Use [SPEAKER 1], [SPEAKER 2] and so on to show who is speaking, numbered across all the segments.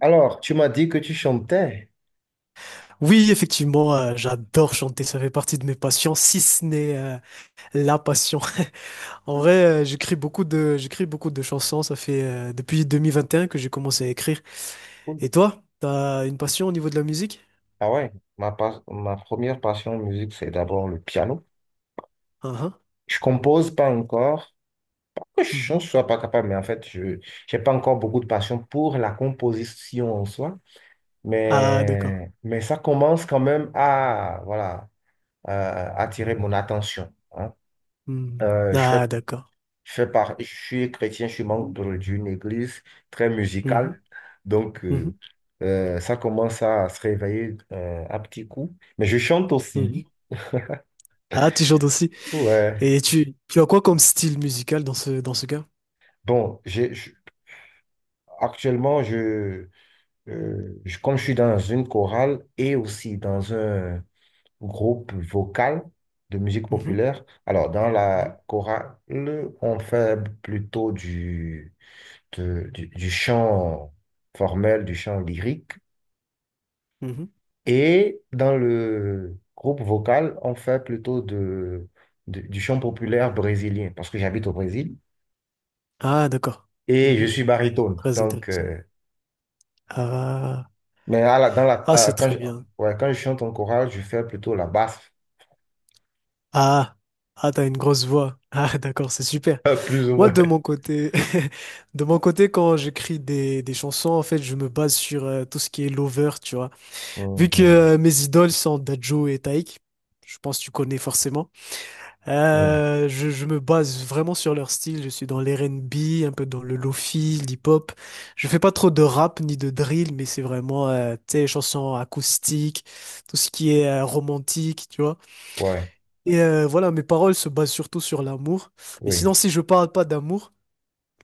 [SPEAKER 1] Alors, tu m'as dit que tu chantais.
[SPEAKER 2] Oui, effectivement, j'adore chanter, ça fait partie de mes passions, si ce n'est la passion. En vrai, j'écris beaucoup de chansons, ça fait depuis 2021 que j'ai commencé à écrire.
[SPEAKER 1] Cool.
[SPEAKER 2] Et toi, t'as une passion au niveau de la musique?
[SPEAKER 1] Ah ouais, ma, ma première passion en musique, c'est d'abord le piano.
[SPEAKER 2] Ah, ah,
[SPEAKER 1] Je compose pas encore. Que Je
[SPEAKER 2] mhm.
[SPEAKER 1] ne sois pas capable, mais en fait, je n'ai pas encore beaucoup de passion pour la composition en soi.
[SPEAKER 2] Ah, d'accord.
[SPEAKER 1] Mais ça commence quand même à, voilà, attirer mon attention, hein.
[SPEAKER 2] Mhm.
[SPEAKER 1] Euh, je fais
[SPEAKER 2] Ah, d'accord.
[SPEAKER 1] Je fais je suis chrétien, je suis membre d'une église très
[SPEAKER 2] Mhm,
[SPEAKER 1] musicale. Donc,
[SPEAKER 2] mhm,
[SPEAKER 1] ça commence à se réveiller à petits coups. Mais je chante aussi.
[SPEAKER 2] mhm. Ah, tu chantes aussi.
[SPEAKER 1] Ouais.
[SPEAKER 2] Et tu as quoi comme style musical dans ce cas?
[SPEAKER 1] Bon, actuellement, comme je suis dans une chorale et aussi dans un groupe vocal de musique
[SPEAKER 2] Mhm,
[SPEAKER 1] populaire, alors dans
[SPEAKER 2] mhm,
[SPEAKER 1] la chorale, on fait plutôt du chant formel, du chant lyrique.
[SPEAKER 2] mhm.
[SPEAKER 1] Et dans le groupe vocal, on fait plutôt du chant populaire brésilien, parce que j'habite au Brésil
[SPEAKER 2] Ah, d'accord.
[SPEAKER 1] et je
[SPEAKER 2] Mhm.
[SPEAKER 1] suis baryton.
[SPEAKER 2] Très
[SPEAKER 1] Donc,
[SPEAKER 2] intéressant. Ah,
[SPEAKER 1] mais à la- dans la,
[SPEAKER 2] ah,
[SPEAKER 1] à-
[SPEAKER 2] c'est
[SPEAKER 1] quand
[SPEAKER 2] très
[SPEAKER 1] je,
[SPEAKER 2] bien.
[SPEAKER 1] ouais, quand je chante en chorale, je fais plutôt la basse.
[SPEAKER 2] Ah, ah, t'as une grosse voix. Ah, d'accord, c'est super.
[SPEAKER 1] Plus ou
[SPEAKER 2] Moi,
[SPEAKER 1] moins.
[SPEAKER 2] de mon côté, de mon côté, quand j'écris des chansons, en fait, je me base sur tout ce qui est lover, tu vois. Vu que
[SPEAKER 1] Mhm,
[SPEAKER 2] mes idoles sont Dadju et Taïk, je pense que tu connais forcément.
[SPEAKER 1] mhm.
[SPEAKER 2] Je me base vraiment sur leur style. Je suis dans l'R&B, un peu dans le lofi, l'hip-hop. Je fais pas trop de rap ni de drill, mais c'est vraiment, tu sais, chansons acoustiques, tout ce qui est romantique, tu vois.
[SPEAKER 1] Ouais,
[SPEAKER 2] Et voilà, mes paroles se basent surtout sur l'amour. Mais
[SPEAKER 1] oui.
[SPEAKER 2] sinon, si je parle pas d'amour,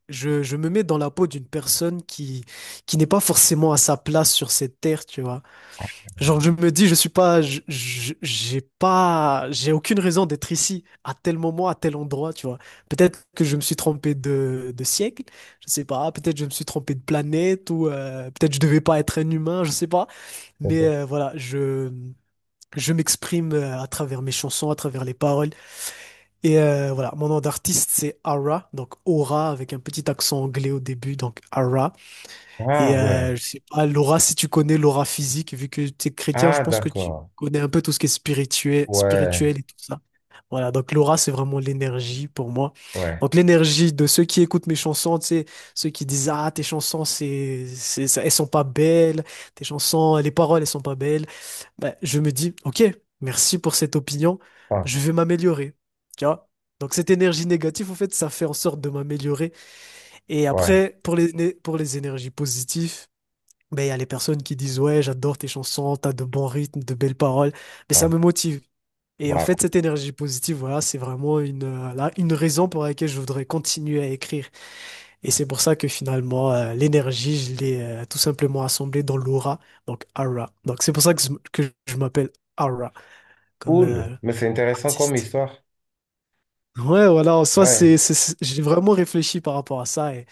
[SPEAKER 2] je me mets dans la peau d'une personne qui n'est pas forcément à sa place sur cette terre, tu vois. Genre, je me dis, je suis pas, j'ai pas, j'ai aucune raison d'être ici, à tel moment, à tel endroit, tu vois. Peut-être que je me suis trompé de siècle, je sais pas. Peut-être je me suis trompé de planète, ou peut-être je devais pas être un humain, je sais pas. Mais voilà, je m'exprime à travers mes chansons, à travers les paroles. Et voilà, mon nom d'artiste c'est Ara, donc Aura avec un petit accent anglais au début, donc Ara.
[SPEAKER 1] Ah,
[SPEAKER 2] Et
[SPEAKER 1] ouais.
[SPEAKER 2] je sais pas, Laura, si tu connais l'aura physique, vu que tu es chrétien, je
[SPEAKER 1] Ah,
[SPEAKER 2] pense que tu
[SPEAKER 1] d'accord.
[SPEAKER 2] connais un peu tout ce qui est spirituel,
[SPEAKER 1] Ouais,
[SPEAKER 2] spirituel et tout ça. Voilà, donc l'aura c'est vraiment l'énergie pour moi.
[SPEAKER 1] ouais.
[SPEAKER 2] Donc l'énergie de ceux qui écoutent mes chansons, tu sais, ceux qui disent ah tes chansons elles sont pas belles, tes chansons, les paroles elles sont pas belles ben, je me dis, ok, merci pour cette opinion,
[SPEAKER 1] Ah,
[SPEAKER 2] je vais m'améliorer. Tu vois? Donc cette énergie négative, en fait, ça fait en sorte de m'améliorer. Et
[SPEAKER 1] ouais,
[SPEAKER 2] après, pour pour les énergies positives, ben, il y a les personnes qui disent, ouais, j'adore tes chansons, t'as de bons rythmes, de belles paroles, mais
[SPEAKER 1] ouais.
[SPEAKER 2] ça me motive. Et en fait,
[SPEAKER 1] Wow.
[SPEAKER 2] cette énergie positive, voilà, c'est vraiment une raison pour laquelle je voudrais continuer à écrire. Et c'est pour ça que finalement, l'énergie, je l'ai tout simplement assemblée dans l'aura, donc aura. Donc c'est pour ça que je m'appelle Aura comme
[SPEAKER 1] Cool. Mais c'est intéressant comme
[SPEAKER 2] artiste.
[SPEAKER 1] histoire.
[SPEAKER 2] Ouais, voilà, en soi,
[SPEAKER 1] Ouais,
[SPEAKER 2] j'ai vraiment réfléchi par rapport à ça et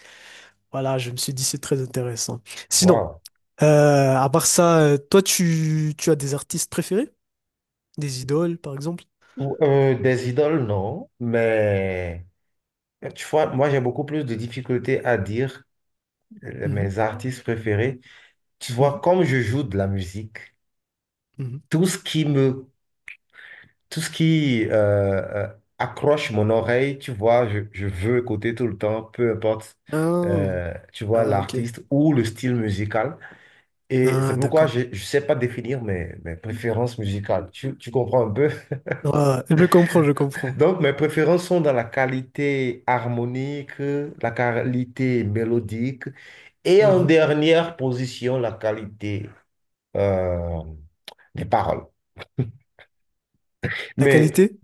[SPEAKER 2] voilà, je me suis dit c'est très intéressant. Sinon,
[SPEAKER 1] wow.
[SPEAKER 2] à part ça, toi, tu as des artistes préférés? Des idoles, par exemple?
[SPEAKER 1] Des idoles, non, mais. Tu vois, moi, j'ai beaucoup plus de difficultés à dire
[SPEAKER 2] Mhm,
[SPEAKER 1] mes artistes préférés. Tu
[SPEAKER 2] mhm,
[SPEAKER 1] vois, comme je joue de la musique,
[SPEAKER 2] mhm.
[SPEAKER 1] tout ce qui me, tout ce qui accroche mon oreille, tu vois, je veux écouter tout le temps, peu importe,
[SPEAKER 2] Ah,
[SPEAKER 1] tu vois,
[SPEAKER 2] ah, ok.
[SPEAKER 1] l'artiste ou le style musical. Et c'est
[SPEAKER 2] Ah,
[SPEAKER 1] pourquoi
[SPEAKER 2] d'accord.
[SPEAKER 1] je ne sais pas définir mes préférences musicales. Tu comprends un peu?
[SPEAKER 2] Ah, je comprends, je comprends.
[SPEAKER 1] Donc, mes préférences sont dans la qualité harmonique, la qualité mélodique, et en
[SPEAKER 2] Mhm.
[SPEAKER 1] dernière position, la qualité euh, des paroles.
[SPEAKER 2] La
[SPEAKER 1] Mais
[SPEAKER 2] qualité?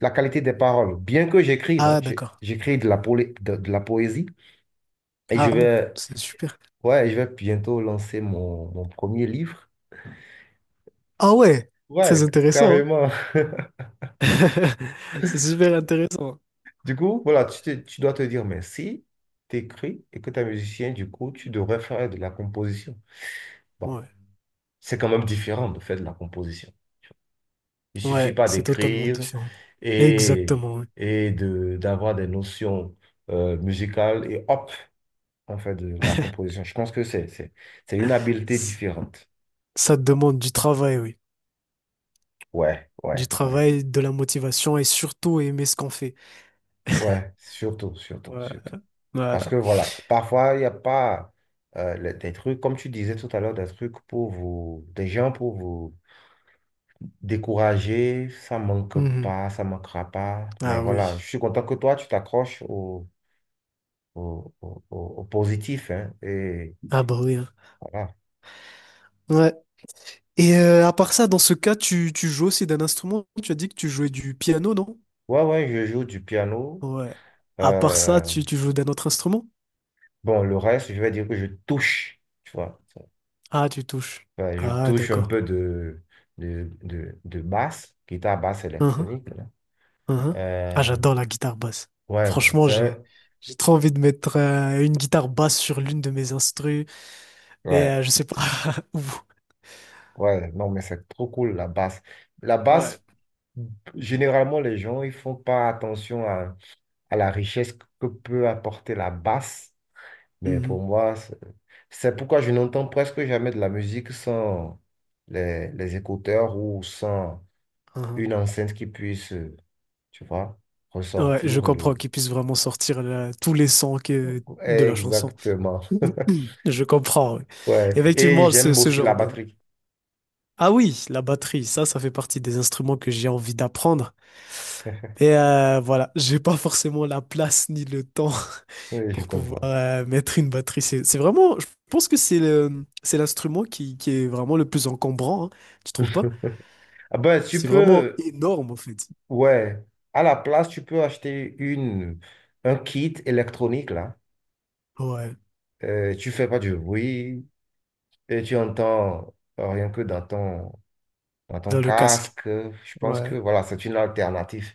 [SPEAKER 1] la qualité des paroles, bien que j'écrive, hein,
[SPEAKER 2] Ah, d'accord.
[SPEAKER 1] j'écris de la, de la poésie et je
[SPEAKER 2] Ah bon,
[SPEAKER 1] vais,
[SPEAKER 2] c'est super.
[SPEAKER 1] ouais, je vais bientôt lancer mon premier livre.
[SPEAKER 2] Ah ouais, très
[SPEAKER 1] Ouais,
[SPEAKER 2] intéressant. Hein.
[SPEAKER 1] carrément.
[SPEAKER 2] C'est super intéressant.
[SPEAKER 1] Du coup, voilà, tu dois te dire, mais si tu écris et que tu es musicien, du coup, tu devrais faire de la composition. Bon,
[SPEAKER 2] Ouais.
[SPEAKER 1] c'est quand même différent de faire de la composition. Il suffit
[SPEAKER 2] Ouais,
[SPEAKER 1] pas
[SPEAKER 2] c'est totalement
[SPEAKER 1] d'écrire
[SPEAKER 2] différent.
[SPEAKER 1] et,
[SPEAKER 2] Exactement, oui.
[SPEAKER 1] et d'avoir des notions musicales et hop, on fait de la composition. Je pense que c'est une habileté
[SPEAKER 2] S-
[SPEAKER 1] différente.
[SPEAKER 2] Ça te demande du travail, oui.
[SPEAKER 1] Ouais, ouais,
[SPEAKER 2] Du
[SPEAKER 1] ouais,
[SPEAKER 2] travail, de la motivation et surtout aimer ce qu'on fait.
[SPEAKER 1] ouais, surtout, surtout,
[SPEAKER 2] Ouais,
[SPEAKER 1] surtout. Parce
[SPEAKER 2] voilà.
[SPEAKER 1] que voilà, parfois, il n'y a pas des trucs, comme tu disais tout à l'heure, des trucs pour vous, des gens pour vous décourager. Ça manque
[SPEAKER 2] Mhm.
[SPEAKER 1] pas, ça manquera pas. Mais
[SPEAKER 2] Ah
[SPEAKER 1] voilà, je
[SPEAKER 2] oui.
[SPEAKER 1] suis content que toi, tu t'accroches au positif, hein, et
[SPEAKER 2] Ah bah oui. Hein.
[SPEAKER 1] voilà.
[SPEAKER 2] Ouais. Et à part ça, dans ce cas, tu joues aussi d'un instrument? Tu as dit que tu jouais du piano, non?
[SPEAKER 1] Ouais, ouais, je joue du piano.
[SPEAKER 2] Ouais. À part ça,
[SPEAKER 1] Euh,
[SPEAKER 2] tu joues d'un autre instrument?
[SPEAKER 1] bon, le reste, je vais dire que je touche, tu vois.
[SPEAKER 2] Ah, tu touches.
[SPEAKER 1] Ouais, je
[SPEAKER 2] Ah,
[SPEAKER 1] touche un
[SPEAKER 2] d'accord.
[SPEAKER 1] peu de basse, guitare basse électronique, là.
[SPEAKER 2] Hein. Ah,
[SPEAKER 1] Euh,
[SPEAKER 2] j'adore la guitare basse.
[SPEAKER 1] ouais, ouais,
[SPEAKER 2] Franchement,
[SPEAKER 1] c'est un-
[SPEAKER 2] j'ai trop envie de mettre une guitare basse sur l'une de mes instrus, mais
[SPEAKER 1] ouais,
[SPEAKER 2] je sais pas où.
[SPEAKER 1] ouais, non, mais c'est trop cool, la basse. La
[SPEAKER 2] Ouais.
[SPEAKER 1] basse, généralement, les gens, ils font pas attention à la richesse que peut apporter la basse. Mais pour
[SPEAKER 2] Mhm.
[SPEAKER 1] moi, c'est pourquoi je n'entends presque jamais de la musique sans les écouteurs ou sans
[SPEAKER 2] Hein.
[SPEAKER 1] une enceinte qui puisse, tu vois,
[SPEAKER 2] Ouais, je
[SPEAKER 1] ressortir le...
[SPEAKER 2] comprends qu'ils puissent vraiment sortir tous les sons de la chanson.
[SPEAKER 1] Exactement.
[SPEAKER 2] Je comprends, ouais.
[SPEAKER 1] Ouais. Et
[SPEAKER 2] Effectivement,
[SPEAKER 1] j'aime
[SPEAKER 2] ce
[SPEAKER 1] aussi la
[SPEAKER 2] genre de.
[SPEAKER 1] batterie.
[SPEAKER 2] Ah oui, la batterie, ça fait partie des instruments que j'ai envie d'apprendre. Et voilà, j'ai pas forcément la place ni le temps
[SPEAKER 1] Oui, je
[SPEAKER 2] pour pouvoir
[SPEAKER 1] comprends.
[SPEAKER 2] mettre une batterie. C'est vraiment, je pense que c'est l'instrument qui est vraiment le plus encombrant, hein, tu trouves pas?
[SPEAKER 1] Ah ben, tu
[SPEAKER 2] C'est vraiment
[SPEAKER 1] peux,
[SPEAKER 2] énorme en fait.
[SPEAKER 1] ouais, à la place, tu peux acheter un kit électronique, là.
[SPEAKER 2] Ouais,
[SPEAKER 1] Tu fais pas du bruit et tu entends rien que dans dans ton
[SPEAKER 2] dans le casque.
[SPEAKER 1] casque. Je pense que
[SPEAKER 2] Ouais,
[SPEAKER 1] voilà, c'est une alternative.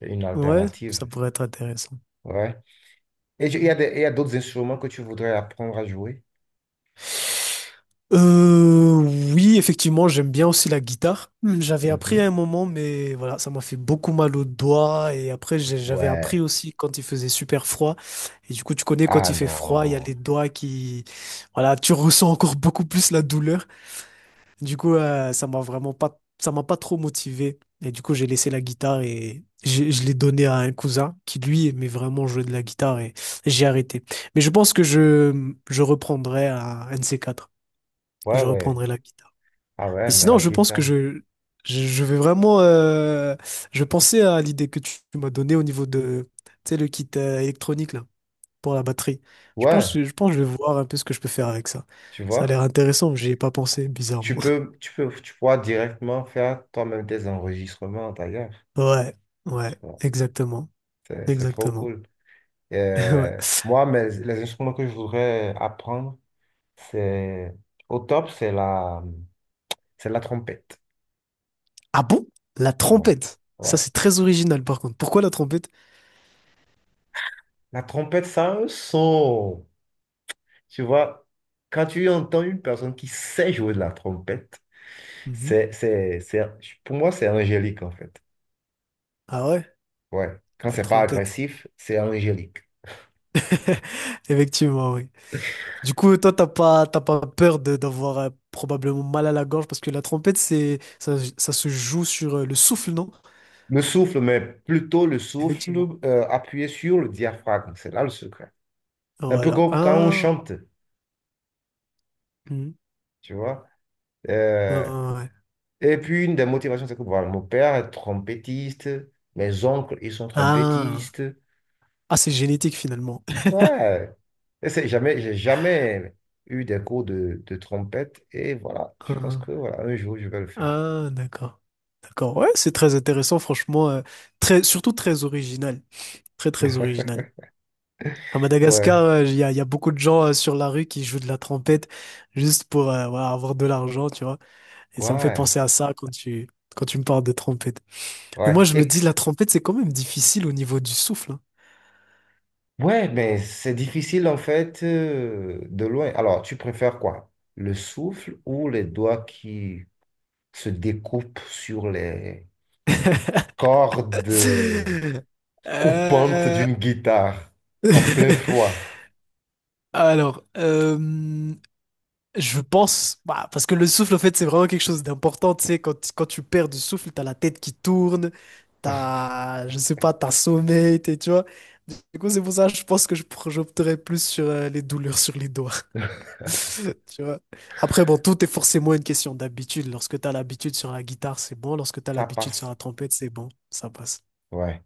[SPEAKER 1] Une
[SPEAKER 2] ouais, ça
[SPEAKER 1] alternative.
[SPEAKER 2] pourrait être intéressant.
[SPEAKER 1] Ouais. Et il y a d'autres instruments que tu voudrais apprendre à jouer?
[SPEAKER 2] Euh, oui, effectivement, j'aime bien aussi la guitare. J'avais appris à
[SPEAKER 1] Mhm.
[SPEAKER 2] un moment, mais voilà, ça m'a fait beaucoup mal aux doigts. Et après, j'avais appris
[SPEAKER 1] Ouais.
[SPEAKER 2] aussi quand il faisait super froid. Et du coup, tu connais, quand
[SPEAKER 1] Ah
[SPEAKER 2] il fait froid, il y a
[SPEAKER 1] non.
[SPEAKER 2] les doigts qui, voilà, tu ressens encore beaucoup plus la douleur. Du coup, ça m'a pas trop motivé. Et du coup, j'ai laissé la guitare et je l'ai donnée à un cousin qui, lui, aimait vraiment jouer de la guitare et j'ai arrêté. Mais je pense que je reprendrai un de ces quatre que
[SPEAKER 1] Ouais,
[SPEAKER 2] je
[SPEAKER 1] ouais.
[SPEAKER 2] reprendrai la guitare.
[SPEAKER 1] Ah
[SPEAKER 2] Et
[SPEAKER 1] ouais, mais
[SPEAKER 2] sinon,
[SPEAKER 1] la
[SPEAKER 2] je pense que
[SPEAKER 1] guitare.
[SPEAKER 2] je, je vais vraiment... euh, je pensais à l'idée que tu m'as donnée au niveau de, tu sais, le kit électronique là, pour la batterie.
[SPEAKER 1] Ouais,
[SPEAKER 2] Je pense que je vais voir un peu ce que je peux faire avec ça.
[SPEAKER 1] tu
[SPEAKER 2] Ça a l'air
[SPEAKER 1] vois.
[SPEAKER 2] intéressant, mais j'y ai pas pensé, bizarrement.
[SPEAKER 1] Tu pourras directement faire toi-même tes enregistrements d'ailleurs.
[SPEAKER 2] Ouais, ouais,
[SPEAKER 1] Tu vois.
[SPEAKER 2] exactement.
[SPEAKER 1] C'est trop
[SPEAKER 2] Exactement.
[SPEAKER 1] cool.
[SPEAKER 2] Ouais.
[SPEAKER 1] Les instruments que je voudrais apprendre, c'est au top, c'est la trompette.
[SPEAKER 2] Ah bon? La
[SPEAKER 1] Ouais,
[SPEAKER 2] trompette. Ça,
[SPEAKER 1] ouais.
[SPEAKER 2] c'est très original, par contre. Pourquoi la trompette?
[SPEAKER 1] La trompette, ça a un son. Tu vois, quand tu entends une personne qui sait jouer de la trompette,
[SPEAKER 2] Mhm.
[SPEAKER 1] c'est, pour moi, c'est angélique, en fait.
[SPEAKER 2] Ah ouais?
[SPEAKER 1] Ouais. Quand
[SPEAKER 2] La
[SPEAKER 1] c'est pas
[SPEAKER 2] trompette.
[SPEAKER 1] agressif, c'est angélique.
[SPEAKER 2] Effectivement, oui. Du coup, toi, t'as pas peur d'avoir probablement mal à la gorge parce que la trompette, ça se joue sur le souffle, non?
[SPEAKER 1] Le souffle, mais plutôt le souffle
[SPEAKER 2] Effectivement.
[SPEAKER 1] appuyé sur le diaphragme. C'est là le secret. Un peu
[SPEAKER 2] Voilà.
[SPEAKER 1] comme quand on
[SPEAKER 2] Ah,
[SPEAKER 1] chante,
[SPEAKER 2] mhm.
[SPEAKER 1] tu vois. Euh,
[SPEAKER 2] Ah, ouais.
[SPEAKER 1] et puis, une des motivations, c'est que voilà, mon père est trompettiste, mes oncles, ils sont
[SPEAKER 2] Ah,
[SPEAKER 1] trompettistes.
[SPEAKER 2] ah, c'est génétique finalement.
[SPEAKER 1] Ouais. Et c'est jamais, j'ai jamais eu des cours de trompette et voilà, je pense
[SPEAKER 2] Ah,
[SPEAKER 1] que voilà, un jour je vais le faire.
[SPEAKER 2] ah, d'accord. D'accord. Ouais, c'est très intéressant, franchement. Surtout très original. Très, très original. À Madagascar,
[SPEAKER 1] Ouais,
[SPEAKER 2] y a beaucoup de gens sur la rue qui jouent de la trompette juste pour voilà, avoir de l'argent, tu vois. Et ça me fait
[SPEAKER 1] ouais,
[SPEAKER 2] penser à ça quand quand tu me parles de trompette. Mais
[SPEAKER 1] ouais.
[SPEAKER 2] moi, je me
[SPEAKER 1] Et,
[SPEAKER 2] dis, la trompette, c'est quand même difficile au niveau du souffle. Hein.
[SPEAKER 1] ouais, mais c'est difficile en fait de loin. Alors, tu préfères quoi? Le souffle ou les doigts qui se découpent sur les cordes coupantes
[SPEAKER 2] Euh,
[SPEAKER 1] d'une guitare en plein froid?
[SPEAKER 2] Alors, je pense, bah, parce que le souffle, en fait, c'est vraiment quelque chose d'important. Tu sais, quand tu perds du souffle, t'as la tête qui tourne, t'as, je sais pas, t'as sommeil, tu vois. Du coup, c'est pour ça, je pense que j'opterais plus sur les douleurs sur les doigts. Tu vois. Après, bon, tout est forcément une question d'habitude. Lorsque tu as l'habitude sur la guitare, c'est bon. Lorsque tu as
[SPEAKER 1] Ça
[SPEAKER 2] l'habitude sur
[SPEAKER 1] passe.
[SPEAKER 2] la trompette, c'est bon. Ça passe.
[SPEAKER 1] Ouais.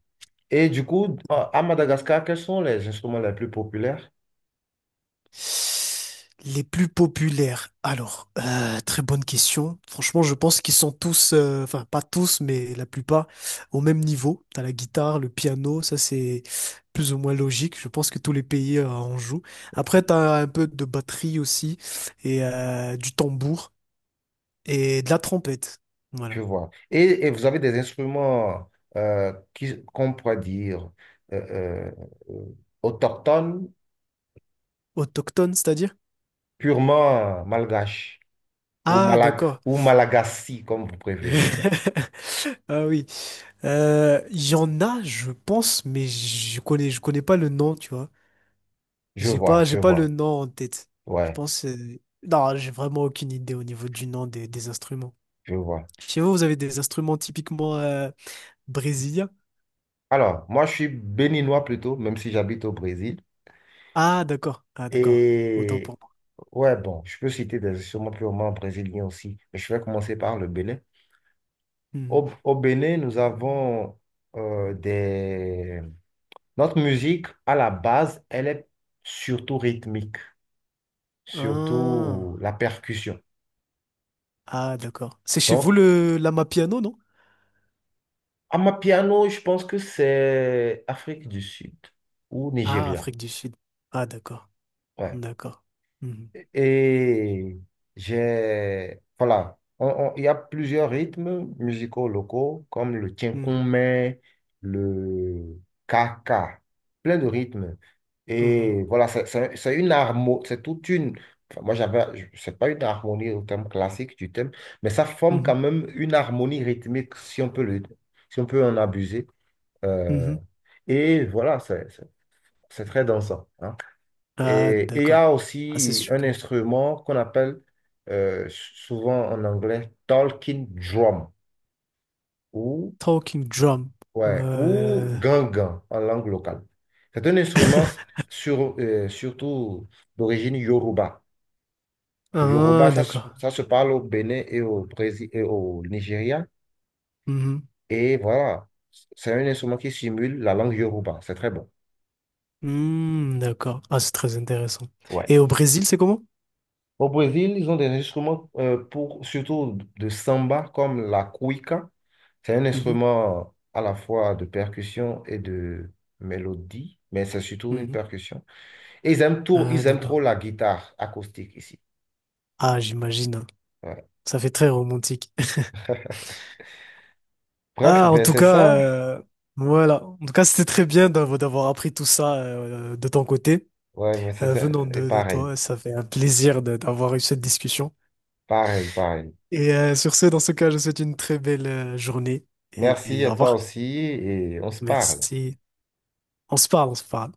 [SPEAKER 1] Et du coup, à Madagascar, quels sont les instruments les plus populaires?
[SPEAKER 2] Les plus populaires. Alors, très bonne question. Franchement, je pense qu'ils sont tous, enfin, pas tous, mais la plupart, au même niveau. T'as la guitare, le piano, ça c'est plus ou moins logique. Je pense que tous les pays en jouent. Après, t'as un peu de batterie aussi, et du tambour, et de la trompette.
[SPEAKER 1] Je
[SPEAKER 2] Voilà.
[SPEAKER 1] vois. Et vous avez des instruments qu'on pourrait dire euh, euh, euh, autochtones,
[SPEAKER 2] Autochtone, c'est-à-dire?
[SPEAKER 1] purement malgaches ou,
[SPEAKER 2] Ah,
[SPEAKER 1] malag
[SPEAKER 2] d'accord.
[SPEAKER 1] ou malagasy, comme vous préférez.
[SPEAKER 2] Ah oui. Il y en a, je pense, mais je connais pas le nom, tu vois.
[SPEAKER 1] Je
[SPEAKER 2] J'ai
[SPEAKER 1] vois,
[SPEAKER 2] pas, j'ai
[SPEAKER 1] je
[SPEAKER 2] pas le
[SPEAKER 1] vois.
[SPEAKER 2] nom en tête. Je
[SPEAKER 1] Ouais,
[SPEAKER 2] pense. Non, j'ai vraiment aucune idée au niveau du nom des instruments.
[SPEAKER 1] je vois.
[SPEAKER 2] Chez vous, vous avez des instruments typiquement brésiliens?
[SPEAKER 1] Alors, moi, je suis béninois plutôt, même si j'habite au Brésil.
[SPEAKER 2] Ah, d'accord. Ah, d'accord. Autant
[SPEAKER 1] Et
[SPEAKER 2] pour moi.
[SPEAKER 1] ouais, bon, je peux citer des instruments purement brésiliens aussi. Mais je vais commencer par le Bénin.
[SPEAKER 2] Hmm.
[SPEAKER 1] Au Bénin, nous avons des... Notre musique, à la base, elle est surtout rythmique,
[SPEAKER 2] Ah,
[SPEAKER 1] surtout la percussion.
[SPEAKER 2] ah, d'accord. C'est chez vous
[SPEAKER 1] Donc,
[SPEAKER 2] le l'amapiano, non?
[SPEAKER 1] amapiano, je pense que c'est Afrique du Sud ou
[SPEAKER 2] Ah,
[SPEAKER 1] Nigeria.
[SPEAKER 2] Afrique du Sud. Ah, d'accord.
[SPEAKER 1] Ouais.
[SPEAKER 2] D'accord. Mhm.
[SPEAKER 1] Et j'ai, voilà, il y a plusieurs rythmes musicaux locaux, comme le
[SPEAKER 2] Mhm.
[SPEAKER 1] tchinkoumé, le kaka, plein de rythmes.
[SPEAKER 2] Mhm,
[SPEAKER 1] Et voilà, c'est une harmonie, c'est toute une, enfin, c'est pas une harmonie au terme classique du thème, mais ça forme
[SPEAKER 2] mhm,
[SPEAKER 1] quand même une harmonie rythmique, si on peut en abuser. Euh,
[SPEAKER 2] mhm.
[SPEAKER 1] et voilà, c'est très dansant, hein.
[SPEAKER 2] Ah,
[SPEAKER 1] Et il y
[SPEAKER 2] d'accord.
[SPEAKER 1] a
[SPEAKER 2] Ah, c'est
[SPEAKER 1] aussi un
[SPEAKER 2] super.
[SPEAKER 1] instrument qu'on appelle souvent en anglais talking drum ou,
[SPEAKER 2] Talking drum.
[SPEAKER 1] ouais, ou
[SPEAKER 2] Euh,
[SPEAKER 1] gangan en langue locale. C'est un instrument surtout d'origine yoruba. Le yoruba,
[SPEAKER 2] Ah, d'accord.
[SPEAKER 1] ça se parle au Bénin et au Brésil et au Nigeria.
[SPEAKER 2] Mhm.
[SPEAKER 1] Et voilà, c'est un instrument qui simule la langue yoruba. C'est très bon.
[SPEAKER 2] Hmm, d'accord. Ah, c'est très intéressant.
[SPEAKER 1] Ouais.
[SPEAKER 2] Et au Brésil, c'est comment?
[SPEAKER 1] Au Brésil, ils ont des instruments pour surtout de samba comme la cuica. C'est un instrument à la fois de percussion et de mélodie, mais c'est surtout
[SPEAKER 2] Mhm,
[SPEAKER 1] une
[SPEAKER 2] mhm.
[SPEAKER 1] percussion. Et
[SPEAKER 2] Ah,
[SPEAKER 1] ils aiment trop
[SPEAKER 2] d'accord.
[SPEAKER 1] la guitare acoustique ici.
[SPEAKER 2] Ah, j'imagine. Hein.
[SPEAKER 1] Ouais.
[SPEAKER 2] Ça fait très romantique.
[SPEAKER 1] Bref,
[SPEAKER 2] Ah, en
[SPEAKER 1] ben
[SPEAKER 2] tout
[SPEAKER 1] c'est
[SPEAKER 2] cas,
[SPEAKER 1] ça.
[SPEAKER 2] voilà. En tout cas, c'était très bien d'avoir appris tout ça de ton côté.
[SPEAKER 1] Ouais, mais
[SPEAKER 2] Venant
[SPEAKER 1] c'était et
[SPEAKER 2] de
[SPEAKER 1] pareil,
[SPEAKER 2] toi, ça fait un plaisir d'avoir eu cette discussion.
[SPEAKER 1] pareil, pareil.
[SPEAKER 2] Et sur ce, dans ce cas, je vous souhaite une très belle journée
[SPEAKER 1] Merci
[SPEAKER 2] et
[SPEAKER 1] à
[SPEAKER 2] au
[SPEAKER 1] toi
[SPEAKER 2] revoir.
[SPEAKER 1] aussi et on se parle.
[SPEAKER 2] Merci. On se parle, on se parle.